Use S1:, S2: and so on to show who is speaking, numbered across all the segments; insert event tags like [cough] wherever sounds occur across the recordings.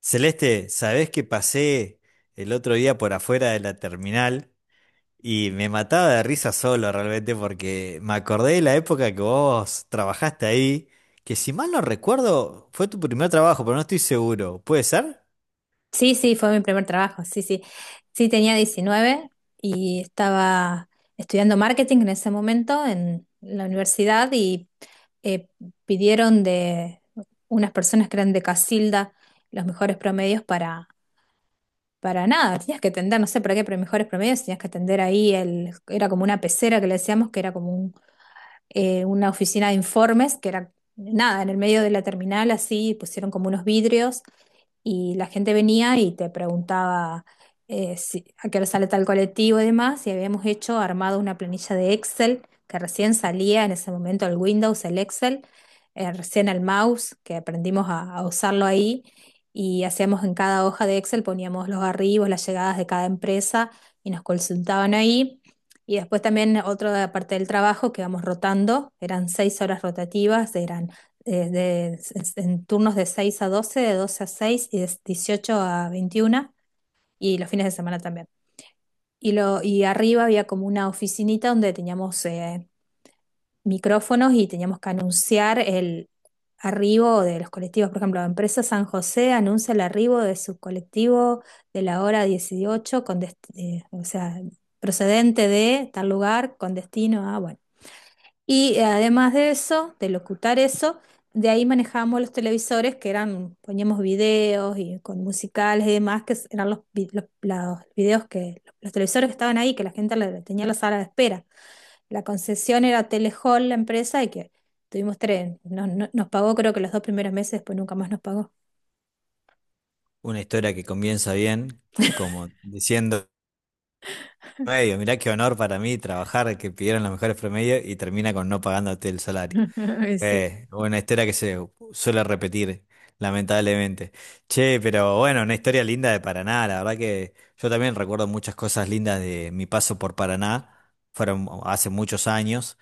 S1: Celeste, ¿sabés que pasé el otro día por afuera de la terminal y me mataba de risa solo realmente porque me acordé de la época que vos trabajaste ahí, que si mal no recuerdo fue tu primer trabajo, pero no estoy seguro? ¿Puede ser?
S2: Sí, sí, fue mi primer trabajo, sí, sí. Sí, tenía 19 y estaba estudiando marketing en ese momento en la universidad y eh, pidieron de unas personas que eran de Casilda los mejores promedios para nada, tenías que atender, no sé para qué, pero mejores promedios, tenías que atender ahí, era como una pecera que le decíamos, que era como una oficina de informes, que era nada, en el medio de la terminal así pusieron como unos vidrios y la gente venía y te preguntaba a qué hora sale tal colectivo y demás, y habíamos hecho, armado una planilla de Excel que recién salía en ese momento el Windows, el Excel, recién el mouse, que aprendimos a usarlo ahí, y hacíamos en cada hoja de Excel, poníamos los arribos, las llegadas de cada empresa y nos consultaban ahí. Y después también otra parte del trabajo que vamos rotando, eran 6 horas rotativas, eran en turnos de 6 a 12, de 12 a 6 y de 18 a 21 y los fines de semana también. Y arriba había como una oficinita donde teníamos micrófonos y teníamos que anunciar el arribo de los colectivos. Por ejemplo, la empresa San José anuncia el arribo de su colectivo de la hora 18 con o sea, procedente de tal lugar con destino a, bueno. Y además de eso, de locutar eso, de ahí manejábamos los televisores que eran, poníamos videos y con musicales y demás, que eran los videos los televisores que estaban ahí, que la gente tenía en la sala de espera. La concesión era Telehall, la empresa, y que tuvimos tres, nos pagó creo que los 2 primeros meses, después nunca más nos pagó.
S1: Una historia que comienza bien, como diciendo, medio, mirá qué honor para mí trabajar, que pidieron los mejores promedios y termina con no pagándote el salario.
S2: [laughs]
S1: Una historia que se suele repetir, lamentablemente. Che, pero bueno, una historia linda de Paraná. La verdad que yo también recuerdo muchas cosas lindas de mi paso por Paraná. Fueron hace muchos años.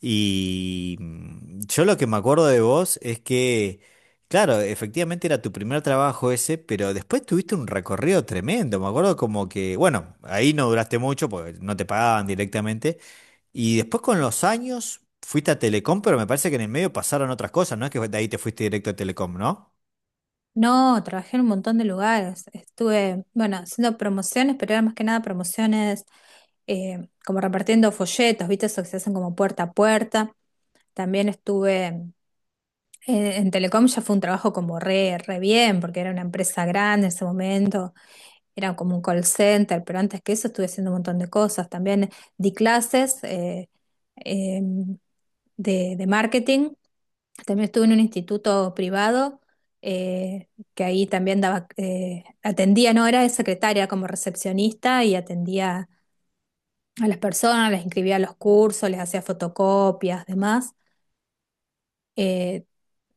S1: Y mm, yo lo que me acuerdo de vos es que, claro, efectivamente era tu primer trabajo ese, pero después tuviste un recorrido tremendo. Me acuerdo como que, bueno, ahí no duraste mucho porque no te pagaban directamente. Y después con los años fuiste a Telecom, pero me parece que en el medio pasaron otras cosas, no es que de ahí te fuiste directo a Telecom, ¿no?
S2: No, trabajé en un montón de lugares. Estuve, bueno, haciendo promociones, pero era más que nada promociones, como repartiendo folletos, ¿viste? Eso que se hacen como puerta a puerta. También estuve en Telecom, ya fue un trabajo como re bien, porque era una empresa grande en ese momento, era como un call center, pero antes que eso estuve haciendo un montón de cosas. También di clases eh, de marketing también estuve en un instituto privado, eh, que ahí también daba, atendía, no era de secretaria, como recepcionista y atendía a las personas, les inscribía a los cursos, les hacía fotocopias, demás. Eh,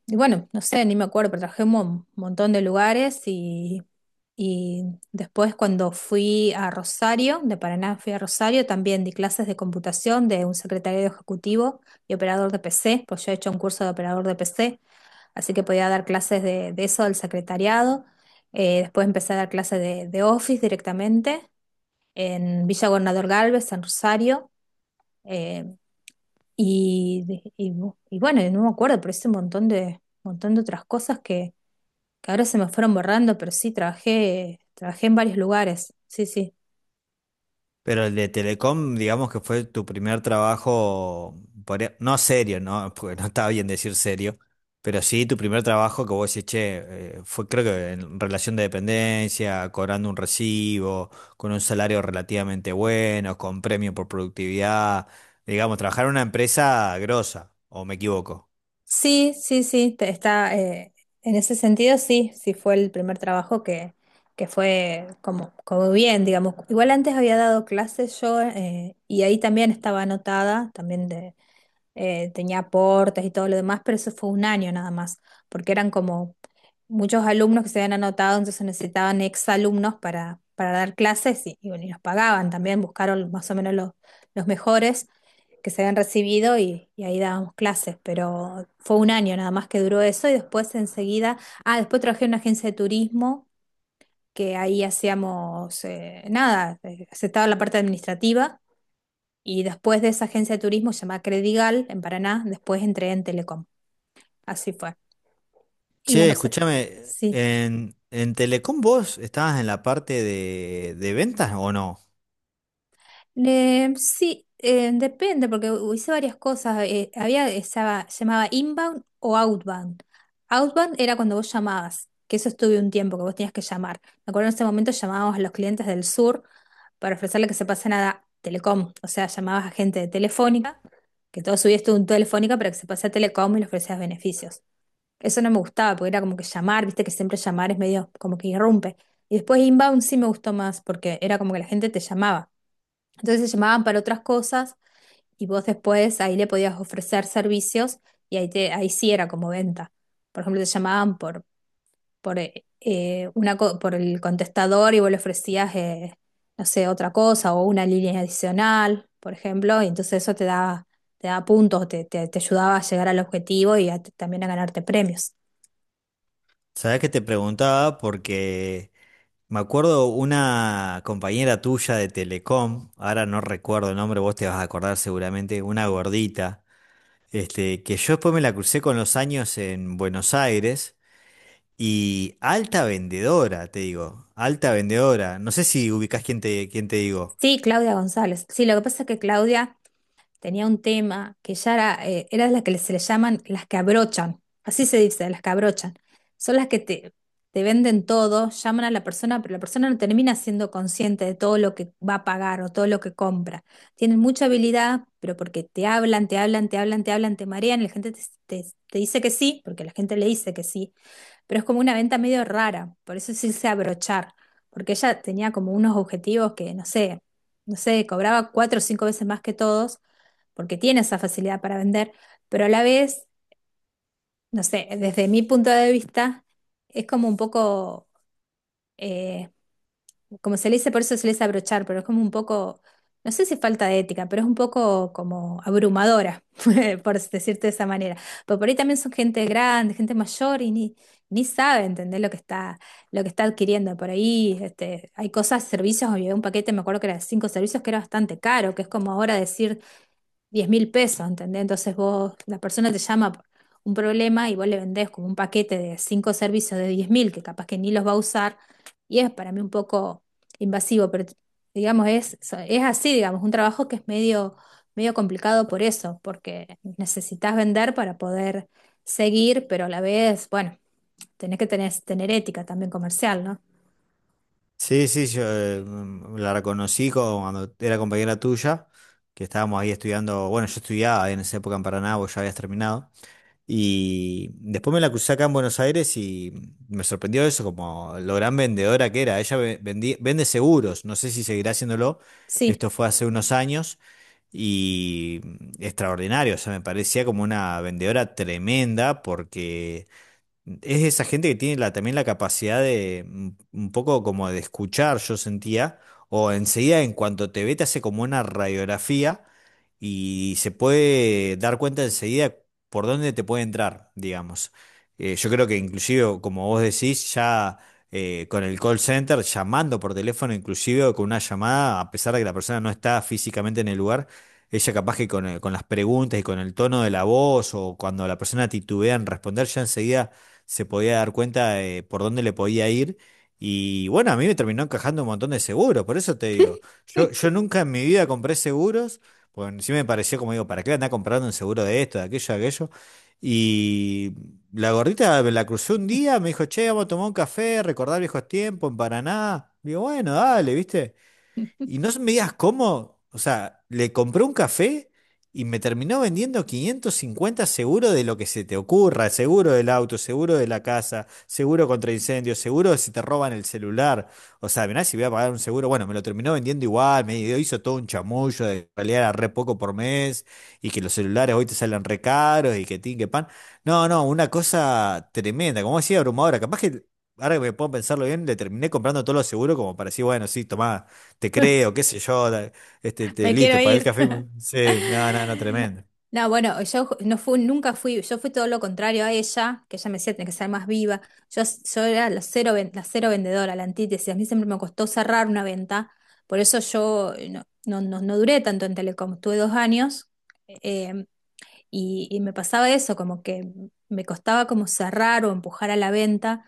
S2: y bueno, no sé, ni me acuerdo, pero trabajé en un montón de lugares, y después cuando fui a Rosario, de Paraná fui a Rosario, también di clases de computación de un secretario ejecutivo y operador de PC, pues yo he hecho un curso de operador de PC así que podía dar clases de eso, del secretariado. Después empecé a dar clases de Office directamente en Villa Gobernador Galvez, en Rosario. eh, y, y- y bueno, y no me acuerdo, pero hice un montón de otras cosas que ahora se me fueron borrando, pero sí trabajé en varios lugares. Sí, sí.
S1: Pero el de Telecom, digamos que fue tu primer trabajo, podría- no serio, ¿no? [laughs] Porque no estaba bien decir serio, pero sí tu primer trabajo que vos decís, che, fue creo que en relación de dependencia, cobrando un recibo, con un salario relativamente bueno, con premio por productividad, digamos, trabajar en una empresa grosa, ¿o me equivoco?
S2: Sí, sí, sí, está, en ese sentido sí, sí fue el primer trabajo que fue como bien, digamos. Igual antes había dado clases yo, y ahí también estaba anotada, también, tenía aportes y todo lo demás, pero eso fue un año nada más, porque eran como muchos alumnos que se habían anotado, entonces necesitaban exalumnos para dar clases y bueno, y los pagaban también, buscaron más o menos los mejores que se habían recibido y ahí dábamos clases, pero fue un año nada más que duró eso y después enseguida, ah, después trabajé en una agencia de turismo, que ahí hacíamos nada, aceptaba la parte administrativa y después de esa agencia de turismo llamada Credigal en Paraná, después entré en Telecom. Así fue. Y en
S1: Che,
S2: Rosario.
S1: escúchame,
S2: Sí.
S1: en Telecom vos estabas en la parte de ventas ¿o no?
S2: Sí, depende, porque hice varias cosas. Llamaba inbound o outbound. Outbound era cuando vos llamabas, que eso estuve un tiempo, que vos tenías que llamar. Me acuerdo en ese momento llamábamos a los clientes del sur para ofrecerle que se pasen a Telecom. O sea, llamabas a gente de Telefónica, que todo su día estuvo en Telefónica, para que se pase a Telecom y le ofrecías beneficios. Eso no me gustaba, porque era como que llamar, viste que siempre llamar es medio como que irrumpe. Y después inbound sí me gustó más, porque era como que la gente te llamaba. Entonces se llamaban para otras cosas y vos después ahí, le podías ofrecer servicios y ahí sí era como venta. Por ejemplo, te llamaban por el contestador y vos le ofrecías, no sé, otra cosa o una línea adicional, por ejemplo, y entonces eso te daba puntos, te ayudaba a llegar al objetivo y también a ganarte premios.
S1: ¿Sabés que te preguntaba porque me acuerdo una compañera tuya de Telecom, ahora no recuerdo el nombre, vos te vas a acordar seguramente, una gordita, este, que yo después me la crucé con los años en Buenos Aires y alta vendedora, te digo, alta vendedora? No sé si ubicás quién te digo.
S2: Sí, Claudia González. Sí, lo que pasa es que Claudia tenía un tema que ya era la que se le llaman las que abrochan. Así se dice, las que abrochan. Son las que te venden todo, llaman a la persona, pero la persona no termina siendo consciente de todo lo que va a pagar o todo lo que compra. Tienen mucha habilidad, pero porque te hablan, te hablan, te hablan, te hablan, te marean, la gente te dice que sí, porque la gente le dice que sí pero es como una venta medio rara, por eso se hice abrochar, porque ella tenía como unos objetivos no sé, no sé, cobraba cuatro o cinco veces más que todos, porque tiene esa facilidad para vender, pero a la vez, no sé, desde mi punto de vista, es como un poco, eh, como se le dice, por eso se le dice abrochar, pero es como un poco, no sé si falta de ética, pero es un poco como abrumadora, [laughs] por decirte de esa manera. Pero por ahí también son gente grande, gente mayor y ni sabe entender lo que está adquiriendo. Por ahí este, hay cosas, servicios, había un paquete, me acuerdo que era de cinco servicios, que era bastante caro, que es como ahora decir 10.000 pesos, ¿entendés? Entonces vos, la persona te llama por un problema y vos le vendés como un paquete de cinco servicios de 10.000 que capaz que ni los va a usar y es para mí un poco invasivo, pero digamos, es así, digamos, un trabajo que es medio complicado por eso, porque necesitas vender para poder seguir, pero a la vez, bueno, tenés que tener ética también comercial, ¿no?
S1: Sí, sí, yo mm, la reconocí co- cuando era compañera tuya, que estábamos ahí estudiando, bueno, yo estudiaba en esa época en Paraná, vos ya habías terminado, y después me la crucé acá en Buenos Aires y me sorprendió eso, como lo gran vendedora que era, ella ve- vendí- vende seguros, no sé si seguirá haciéndolo,
S2: Sí,
S1: esto fue hace unos años y mm, extraordinario, o sea, me parecía como una vendedora tremenda porque es esa gente que tiene la, también la capacidad de un poco como de escuchar, yo sentía, o enseguida en cuanto te ve te hace como una radiografía y se puede dar cuenta enseguida por dónde te puede entrar, digamos. Yo creo que inclusive, como vos decís, ya con el call center, llamando por teléfono, inclusive o con una llamada, a pesar de que la persona no está físicamente en el lugar, ella capaz que con las preguntas y con el tono de la voz o cuando la persona titubea en responder, ya enseguida se podía dar cuenta de por dónde le podía ir. Y bueno, a mí me terminó encajando un montón de seguros, por eso te digo, yo nunca en mi vida compré seguros, porque sí me pareció como digo, ¿para qué andar comprando un seguro de esto, de aquello, de aquello? Y la gordita me la crucé un día, me dijo, che, vamos a tomar un café, recordar viejos tiempos en Paraná. Digo, bueno, dale, ¿viste? Y no me digas cómo, o sea, le compré un café y me terminó vendiendo 550 seguro de lo que se te ocurra, seguro del auto, seguro de la casa, seguro contra incendios, seguro de si te roban el celular. O sea, mirá, si voy a pagar un seguro, bueno, me lo terminó vendiendo igual, me hizo todo un chamullo de que en realidad era re poco por mes y que los celulares hoy te salen re caros y que tin, que pan. No, no, una cosa tremenda, como decía abrumadora, capaz que... Ahora que me puedo pensarlo bien, le terminé comprando todos los seguros como para decir, bueno, sí, tomá, te
S2: [laughs]
S1: creo, qué sé yo, la- este, te,
S2: me quiero
S1: listo, pagué el
S2: ir.
S1: café. Muy- Sí, no, no, no,
S2: [laughs]
S1: tremendo.
S2: No, bueno, yo no fui, nunca fui, yo fui todo lo contrario a ella, que ella me decía, tenés que ser más viva. Yo era la cero, la cero vendedora, la antítesis. A mí siempre me costó cerrar una venta, por eso yo, no, no, no, no duré tanto en Telecom. Tuve 2 años, eh, y me pasaba eso, como que me costaba como cerrar o empujar a la venta.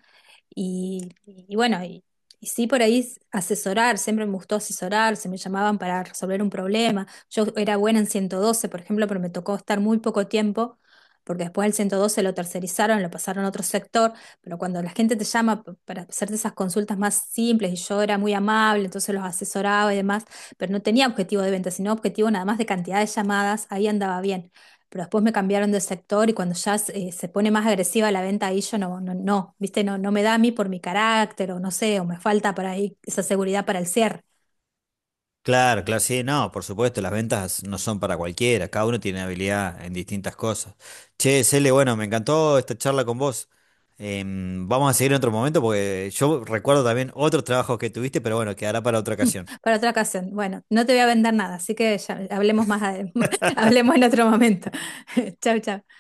S2: Y bueno, y sí por ahí asesorar, siempre me gustó asesorar, se me llamaban para resolver un problema. Yo era buena en 112 por ejemplo, pero me tocó estar muy poco tiempo, porque después el 112 lo tercerizaron, lo pasaron a otro sector, pero cuando la gente te llama para hacerte esas consultas más simples, y yo era muy amable, entonces los asesoraba y demás, pero no tenía objetivo de venta, sino objetivo nada más de cantidad de llamadas, ahí andaba bien pero después me cambiaron de sector y cuando ya se pone más agresiva la venta ahí yo no, no, no, viste, no, no me da a mí por mi carácter o no sé, o me falta para ahí esa seguridad para el cierre.
S1: Claro, claro, sí, no, por supuesto, las ventas no son para cualquiera, cada uno tiene habilidad en distintas cosas. Che, Cele, bueno, me encantó esta charla con vos. Vamos a seguir en otro momento porque yo recuerdo también otros trabajos que tuviste, pero bueno, quedará para otra ocasión.
S2: [laughs] Para otra ocasión. Bueno, no te voy a vender nada, así que ya hablemos más, [laughs] hablemos en otro momento. [laughs] Chau, chau.